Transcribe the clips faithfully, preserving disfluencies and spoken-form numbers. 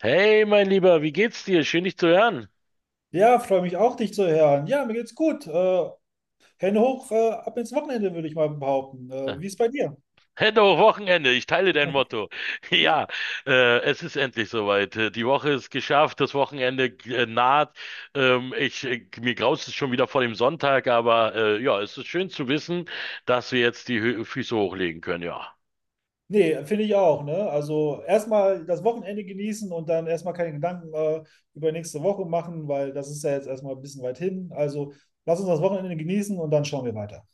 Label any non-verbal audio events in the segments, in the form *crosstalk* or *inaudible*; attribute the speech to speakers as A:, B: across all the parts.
A: Hey, mein Lieber, wie geht's dir? Schön, dich zu hören.
B: Ja, freue mich auch, dich zu hören. Ja, mir geht's gut. Äh, Hände hoch, äh, ab ins Wochenende, würde ich mal behaupten.
A: Äh,
B: Äh, wie ist bei dir?
A: Hello, Wochenende, ich teile dein Motto. *laughs* Ja, äh, es ist endlich soweit. Äh, Die Woche ist geschafft, das Wochenende äh, naht. Ähm, ich, äh, mir graust es schon wieder vor dem Sonntag, aber äh, ja, es ist schön zu wissen, dass wir jetzt die Hö Füße hochlegen können, ja.
B: Nee, finde ich auch, ne? Also erstmal das Wochenende genießen und dann erstmal keine Gedanken äh, über nächste Woche machen, weil das ist ja jetzt erstmal ein bisschen weit hin. Also lass uns das Wochenende genießen und dann schauen wir weiter.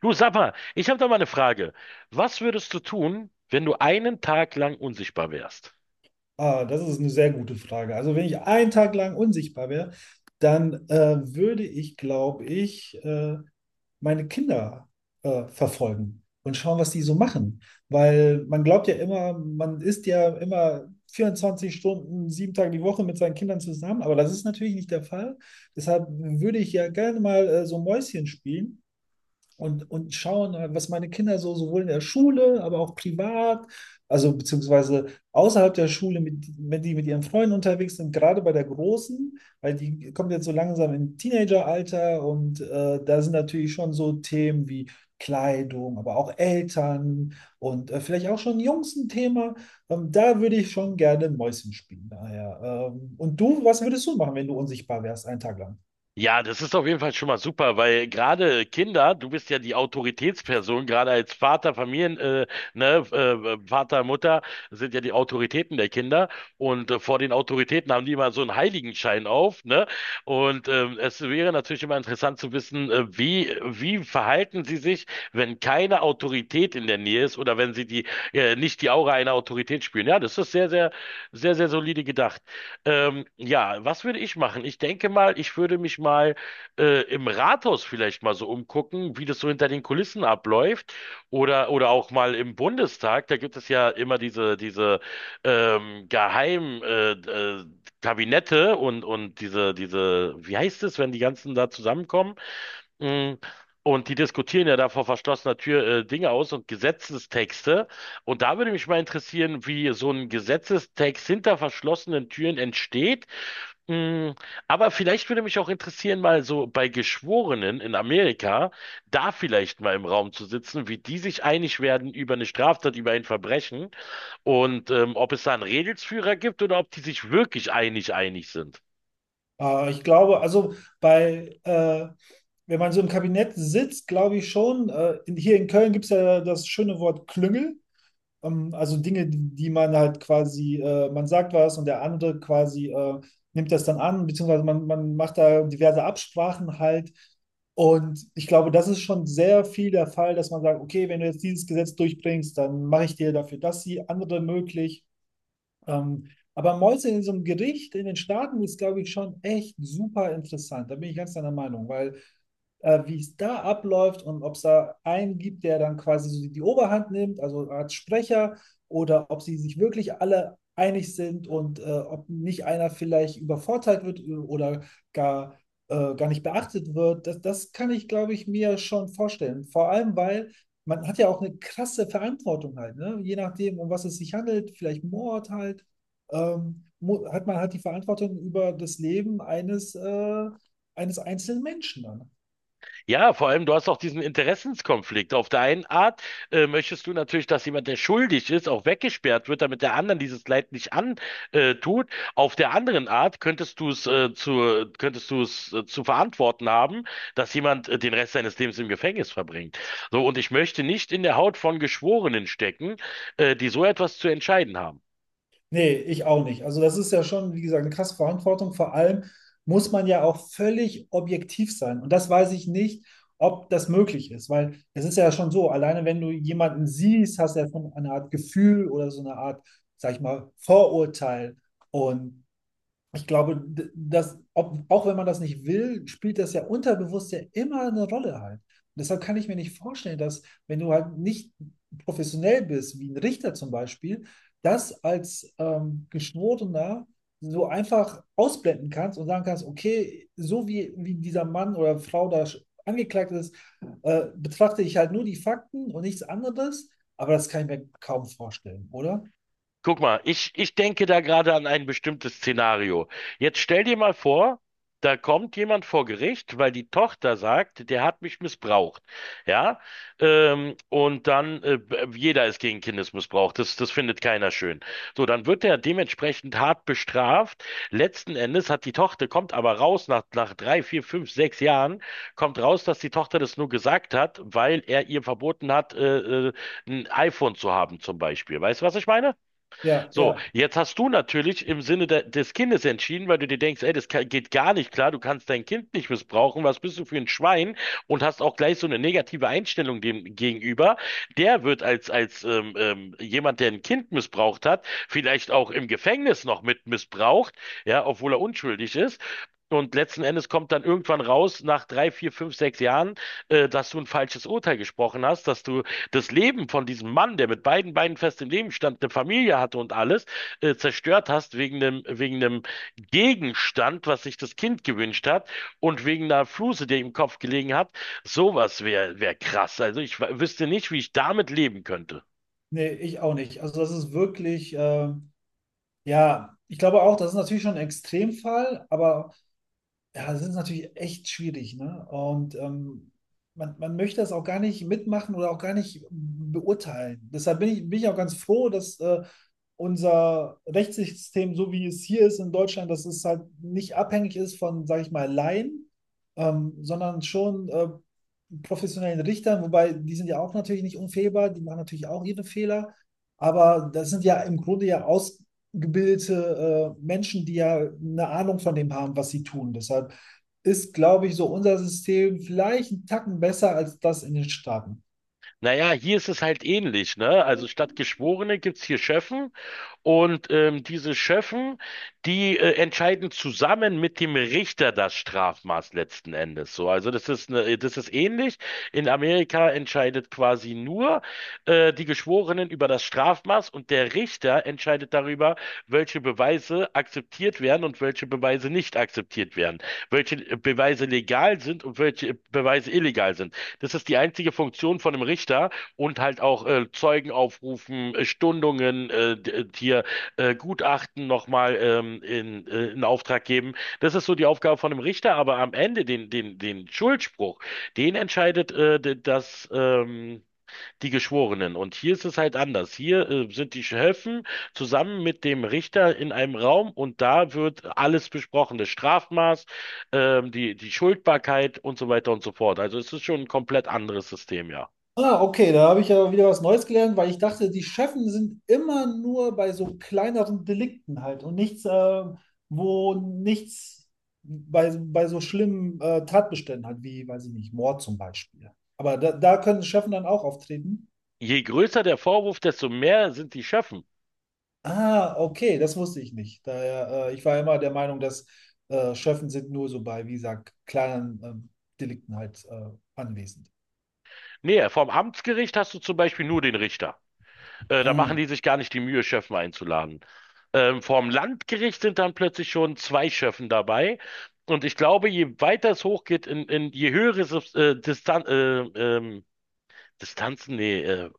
A: Du, sag mal, ich habe da mal eine Frage. Was würdest du tun, wenn du einen Tag lang unsichtbar wärst?
B: Ah, das ist eine sehr gute Frage. Also wenn ich einen Tag lang unsichtbar wäre, dann äh, würde ich, glaube ich, äh, meine Kinder äh, verfolgen und schauen, was die so machen. Weil man glaubt ja immer, man ist ja immer vierundzwanzig Stunden, sieben Tage die Woche mit seinen Kindern zusammen, aber das ist natürlich nicht der Fall. Deshalb würde ich ja gerne mal äh, so Mäuschen spielen und, und schauen, was meine Kinder so sowohl in der Schule, aber auch privat, also beziehungsweise außerhalb der Schule, mit, wenn die mit ihren Freunden unterwegs sind, gerade bei der Großen, weil die kommt jetzt so langsam in Teenageralter und äh, da sind natürlich schon so Themen wie Kleidung, aber auch Eltern und äh, vielleicht auch schon Jungs ein Thema. Ähm, da würde ich schon gerne Mäuschen spielen. Daher, ähm, und du, was würdest du machen, wenn du unsichtbar wärst, einen Tag lang?
A: Ja, das ist auf jeden Fall schon mal super, weil gerade Kinder, du bist ja die Autoritätsperson, gerade als Vater, Familien, äh, ne, äh, Vater, Mutter sind ja die Autoritäten der Kinder und äh, vor den Autoritäten haben die immer so einen Heiligenschein auf, ne? Und ähm, es wäre natürlich immer interessant zu wissen, äh, wie wie verhalten sie sich, wenn keine Autorität in der Nähe ist oder wenn sie die äh, nicht die Aura einer Autorität spüren. Ja, das ist sehr, sehr, sehr, sehr solide gedacht. Ähm, ja, was würde ich machen? Ich denke mal, ich würde mich mal äh, im Rathaus vielleicht mal so umgucken, wie das so hinter den Kulissen abläuft. Oder, oder auch mal im Bundestag. Da gibt es ja immer diese, diese ähm, geheim äh, äh, Kabinette und, und diese, diese, wie heißt es, wenn die ganzen da zusammenkommen? Mm, Und die diskutieren ja da vor verschlossener Tür äh, Dinge aus und Gesetzestexte. Und da würde mich mal interessieren, wie so ein Gesetzestext hinter verschlossenen Türen entsteht. Mm, Aber vielleicht würde mich auch interessieren, mal so bei Geschworenen in Amerika, da vielleicht mal im Raum zu sitzen, wie die sich einig werden über eine Straftat, über ein Verbrechen und ähm, ob es da einen Regelsführer gibt oder ob die sich wirklich einig einig sind.
B: Äh, ich glaube, also bei, äh, wenn man so im Kabinett sitzt, glaube ich schon, äh, in, hier in Köln gibt es ja das schöne Wort Klüngel. Ähm, also Dinge, die man halt quasi, äh, man sagt was und der andere quasi äh, nimmt das dann an, beziehungsweise man, man macht da diverse Absprachen halt. Und ich glaube, das ist schon sehr viel der Fall, dass man sagt, okay, wenn du jetzt dieses Gesetz durchbringst, dann mache ich dir dafür das, die andere möglich. Ähm, aber Mäuse in so einem Gericht in den Staaten ist, glaube ich, schon echt super interessant. Da bin ich ganz deiner Meinung, weil äh, wie es da abläuft und ob es da einen gibt, der dann quasi so die die Oberhand nimmt, also als Sprecher, oder ob sie sich wirklich alle einig sind und äh, ob nicht einer vielleicht übervorteilt wird äh, oder gar, äh, gar nicht beachtet wird, das, das kann ich, glaube ich, mir schon vorstellen. Vor allem, weil man hat ja auch eine krasse Verantwortung halt, ne? Je nachdem, um was es sich handelt, vielleicht Mord halt, ähm, mu- hat man halt die Verantwortung über das Leben eines, äh, eines einzelnen Menschen dann.
A: Ja, vor allem, du hast auch diesen Interessenskonflikt. Auf der einen Art äh, möchtest du natürlich, dass jemand, der schuldig ist, auch weggesperrt wird, damit der anderen dieses Leid nicht antut. Äh, tut. Auf der anderen Art könntest du es äh, zu, könntest du es äh, zu verantworten haben, dass jemand äh, den Rest seines Lebens im Gefängnis verbringt. So, und ich möchte nicht in der Haut von Geschworenen stecken, äh, die so etwas zu entscheiden haben.
B: Nee, ich auch nicht. Also das ist ja schon, wie gesagt, eine krasse Verantwortung. Vor allem muss man ja auch völlig objektiv sein. Und das weiß ich nicht, ob das möglich ist, weil es ist ja schon so, alleine wenn du jemanden siehst, hast du ja schon eine Art Gefühl oder so eine Art, sag ich mal, Vorurteil. Und ich glaube, dass, ob, auch wenn man das nicht will, spielt das ja unterbewusst ja immer eine Rolle halt. Und deshalb kann ich mir nicht vorstellen, dass, wenn du halt nicht professionell bist, wie ein Richter zum Beispiel, das als ähm, Geschworener so einfach ausblenden kannst und sagen kannst, okay, so wie, wie dieser Mann oder Frau da angeklagt ist, äh, betrachte ich halt nur die Fakten und nichts anderes. Aber das kann ich mir kaum vorstellen, oder?
A: Guck mal, ich, ich denke da gerade an ein bestimmtes Szenario. Jetzt stell dir mal vor, da kommt jemand vor Gericht, weil die Tochter sagt, der hat mich missbraucht. Ja, ähm, und dann, äh, b- jeder ist gegen Kindesmissbrauch. Das, das findet keiner schön. So, dann wird er dementsprechend hart bestraft. Letzten Endes hat die Tochter, kommt aber raus nach, nach drei, vier, fünf, sechs Jahren, kommt raus, dass die Tochter das nur gesagt hat, weil er ihr verboten hat, äh, äh, ein iPhone zu haben, zum Beispiel. Weißt du, was ich meine?
B: Ja,
A: So,
B: ja.
A: jetzt hast du natürlich im Sinne de des Kindes entschieden, weil du dir denkst, ey, das ka- geht gar nicht klar, du kannst dein Kind nicht missbrauchen, was bist du für ein Schwein? Und hast auch gleich so eine negative Einstellung dem gegenüber. Der wird als, als ähm, ähm, jemand, der ein Kind missbraucht hat, vielleicht auch im Gefängnis noch mit missbraucht, ja, obwohl er unschuldig ist. Und letzten Endes kommt dann irgendwann raus, nach drei, vier, fünf, sechs Jahren, äh, dass du ein falsches Urteil gesprochen hast, dass du das Leben von diesem Mann, der mit beiden Beinen fest im Leben stand, eine Familie hatte und alles, äh, zerstört hast wegen einem, wegen einem Gegenstand, was sich das Kind gewünscht hat und wegen einer Fluse, die ihm im Kopf gelegen hat, sowas wäre wär krass. Also ich w- wüsste nicht, wie ich damit leben könnte.
B: Nee, ich auch nicht. Also das ist wirklich, äh, ja, ich glaube auch, das ist natürlich schon ein Extremfall, aber ja, das ist natürlich echt schwierig, ne? Und ähm, man, man möchte das auch gar nicht mitmachen oder auch gar nicht beurteilen. Deshalb bin ich, bin ich auch ganz froh, dass äh, unser Rechtssystem, so wie es hier ist in Deutschland, dass es halt nicht abhängig ist von, sage ich mal, Laien, ähm, sondern schon äh, professionellen Richtern, wobei die sind ja auch natürlich nicht unfehlbar, die machen natürlich auch ihre Fehler, aber das sind ja im Grunde ja ausgebildete äh, Menschen, die ja eine Ahnung von dem haben, was sie tun. Deshalb ist, glaube ich, so unser System vielleicht einen Tacken besser als das in den Staaten.
A: Naja, hier ist es halt ähnlich, ne? Also statt Geschworene gibt's hier Schöffen Und ähm, diese Schöffen, die äh, entscheiden zusammen mit dem Richter das Strafmaß letzten Endes. So, also das ist eine, das ist ähnlich. In Amerika entscheidet quasi nur äh, die Geschworenen über das Strafmaß und der Richter entscheidet darüber, welche Beweise akzeptiert werden und welche Beweise nicht akzeptiert werden, welche äh, Beweise legal sind und welche Beweise illegal sind. Das ist die einzige Funktion von einem Richter und halt auch äh, Zeugen aufrufen, äh, Stundungen, äh, d- äh, hier äh, Gutachten nochmal ähm, in, äh, in Auftrag geben. Das ist so die Aufgabe von einem Richter, aber am Ende den, den, den Schuldspruch, den entscheidet äh, d- das, ähm, die Geschworenen. Und hier ist es halt anders. Hier äh, sind die Schöffen zusammen mit dem Richter in einem Raum und da wird alles besprochen, das Strafmaß, ähm, die, die Schuldbarkeit und so weiter und so fort. Also es ist schon ein komplett anderes System, ja.
B: Ah, okay, da habe ich ja wieder was Neues gelernt, weil ich dachte, die Chefen sind immer nur bei so kleineren Delikten halt und nichts, äh, wo nichts bei, bei so schlimmen äh, Tatbeständen halt, wie, weiß ich nicht, Mord zum Beispiel. Aber da, da können Chefen dann auch auftreten.
A: Je größer der Vorwurf, desto mehr sind die Schöffen.
B: Ah, okay, das wusste ich nicht. Daher, äh, ich war immer der Meinung, dass äh, Chefen sind nur so bei, wie gesagt, kleinen äh, Delikten halt äh, anwesend.
A: Nee, vom Amtsgericht hast du zum Beispiel nur den Richter. Äh, da
B: Ah,
A: machen die sich gar nicht die Mühe, Schöffen einzuladen. Ähm, vom Landgericht sind dann plötzlich schon zwei Schöffen dabei. Und ich glaube, je weiter es hochgeht, in, in je höhere Subs- äh, Distan äh, ähm, Distanzen, nee, äh,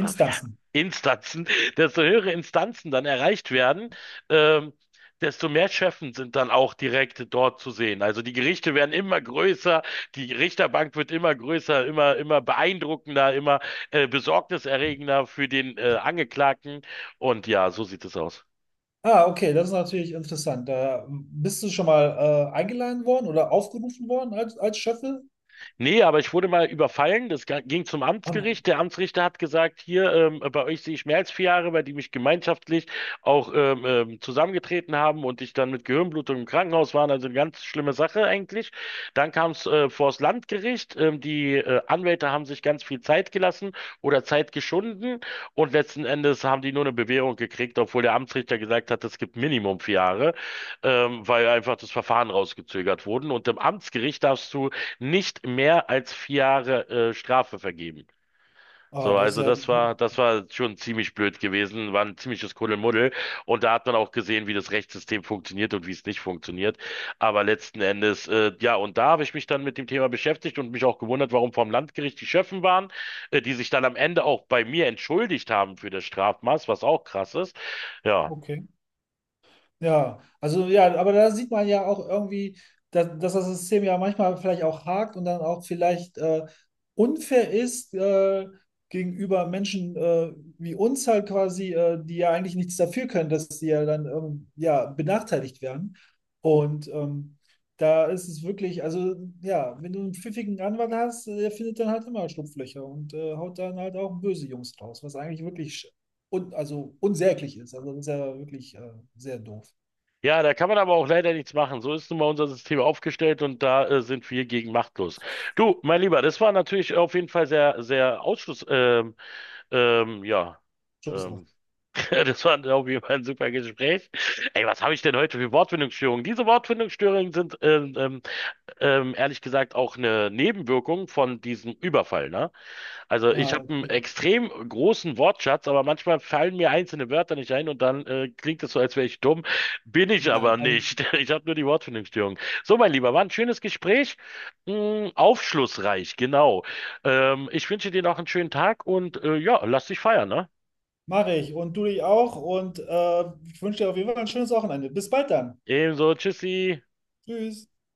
A: äh, ja, Instanzen, *laughs* desto höhere Instanzen dann erreicht werden, ähm, desto mehr Schöffen sind dann auch direkt dort zu sehen. Also die Gerichte werden immer größer, die Richterbank wird immer größer, immer, immer beeindruckender, immer äh, besorgniserregender für den äh, Angeklagten. Und ja, so sieht es aus.
B: Ah, okay, das ist natürlich interessant. Da bist du schon mal äh, eingeladen worden oder aufgerufen worden als, als Schöffel?
A: Nee, aber ich wurde mal überfallen. Das ga- ging zum
B: Oh nein.
A: Amtsgericht. Der Amtsrichter hat gesagt, hier, ähm, bei euch sehe ich mehr als vier Jahre, weil die mich gemeinschaftlich auch ähm, ähm, zusammengetreten haben und ich dann mit Gehirnblutung im Krankenhaus war. Also eine ganz schlimme Sache eigentlich. Dann kam es äh, vors Landgericht. Ähm, die äh, Anwälte haben sich ganz viel Zeit gelassen oder Zeit geschunden und letzten Endes haben die nur eine Bewährung gekriegt, obwohl der Amtsrichter gesagt hat, es gibt Minimum vier Jahre, ähm, weil einfach das Verfahren rausgezögert wurden. Und im Amtsgericht darfst du nicht mehr als vier Jahre äh, Strafe vergeben.
B: Ah,
A: So,
B: das ist
A: also
B: ja.
A: das war, das war schon ziemlich blöd gewesen, war ein ziemliches Kuddelmuddel. Und da hat man auch gesehen, wie das Rechtssystem funktioniert und wie es nicht funktioniert. Aber letzten Endes, äh, ja, und da habe ich mich dann mit dem Thema beschäftigt und mich auch gewundert, warum vom Landgericht die Schöffen waren, äh, die sich dann am Ende auch bei mir entschuldigt haben für das Strafmaß, was auch krass ist. Ja,
B: Okay. Ja, also ja, aber da sieht man ja auch irgendwie, dass, dass das System ja manchmal vielleicht auch hakt und dann auch vielleicht äh, unfair ist äh, gegenüber Menschen äh, wie uns halt quasi, äh, die ja eigentlich nichts dafür können, dass sie ja dann ähm, ja, benachteiligt werden. Und ähm, da ist es wirklich, also ja, wenn du einen pfiffigen Anwalt hast, der findet dann halt immer Schlupflöcher und äh, haut dann halt auch böse Jungs raus, was eigentlich wirklich sch- un also unsäglich ist. Also das ist ja wirklich äh, sehr doof.
A: Ja, da kann man aber auch leider nichts machen. So ist nun mal unser System aufgestellt und da äh, sind wir gegen machtlos. Du, mein Lieber, das war natürlich auf jeden Fall sehr, sehr Ausschluss. Ähm, ähm, ja,
B: Schusshaft.
A: ähm, *laughs* das war auf jeden Fall ein super Gespräch. Ey, was habe ich denn heute für Wortfindungsstörungen? Diese Wortfindungsstörungen sind ähm, ähm, ähm, ehrlich gesagt auch eine Nebenwirkung von diesem Überfall, ne? Also ich
B: Ah,
A: habe einen
B: okay.
A: extrem großen Wortschatz, aber manchmal fallen mir einzelne Wörter nicht ein und dann äh, klingt es so, als wäre ich dumm. Bin ich aber
B: Nein, alles
A: nicht. *laughs* Ich habe nur die Wortfindungsstörung. So, mein Lieber, war ein schönes Gespräch. Hm, aufschlussreich, genau. Ähm, ich wünsche dir noch einen schönen Tag und äh, ja, lass dich feiern, ne?
B: mache ich. Und du dich auch. Und äh, ich wünsche dir auf jeden Fall ein schönes Wochenende. Bis bald dann.
A: Ebenso, tschüssi.
B: Tschüss.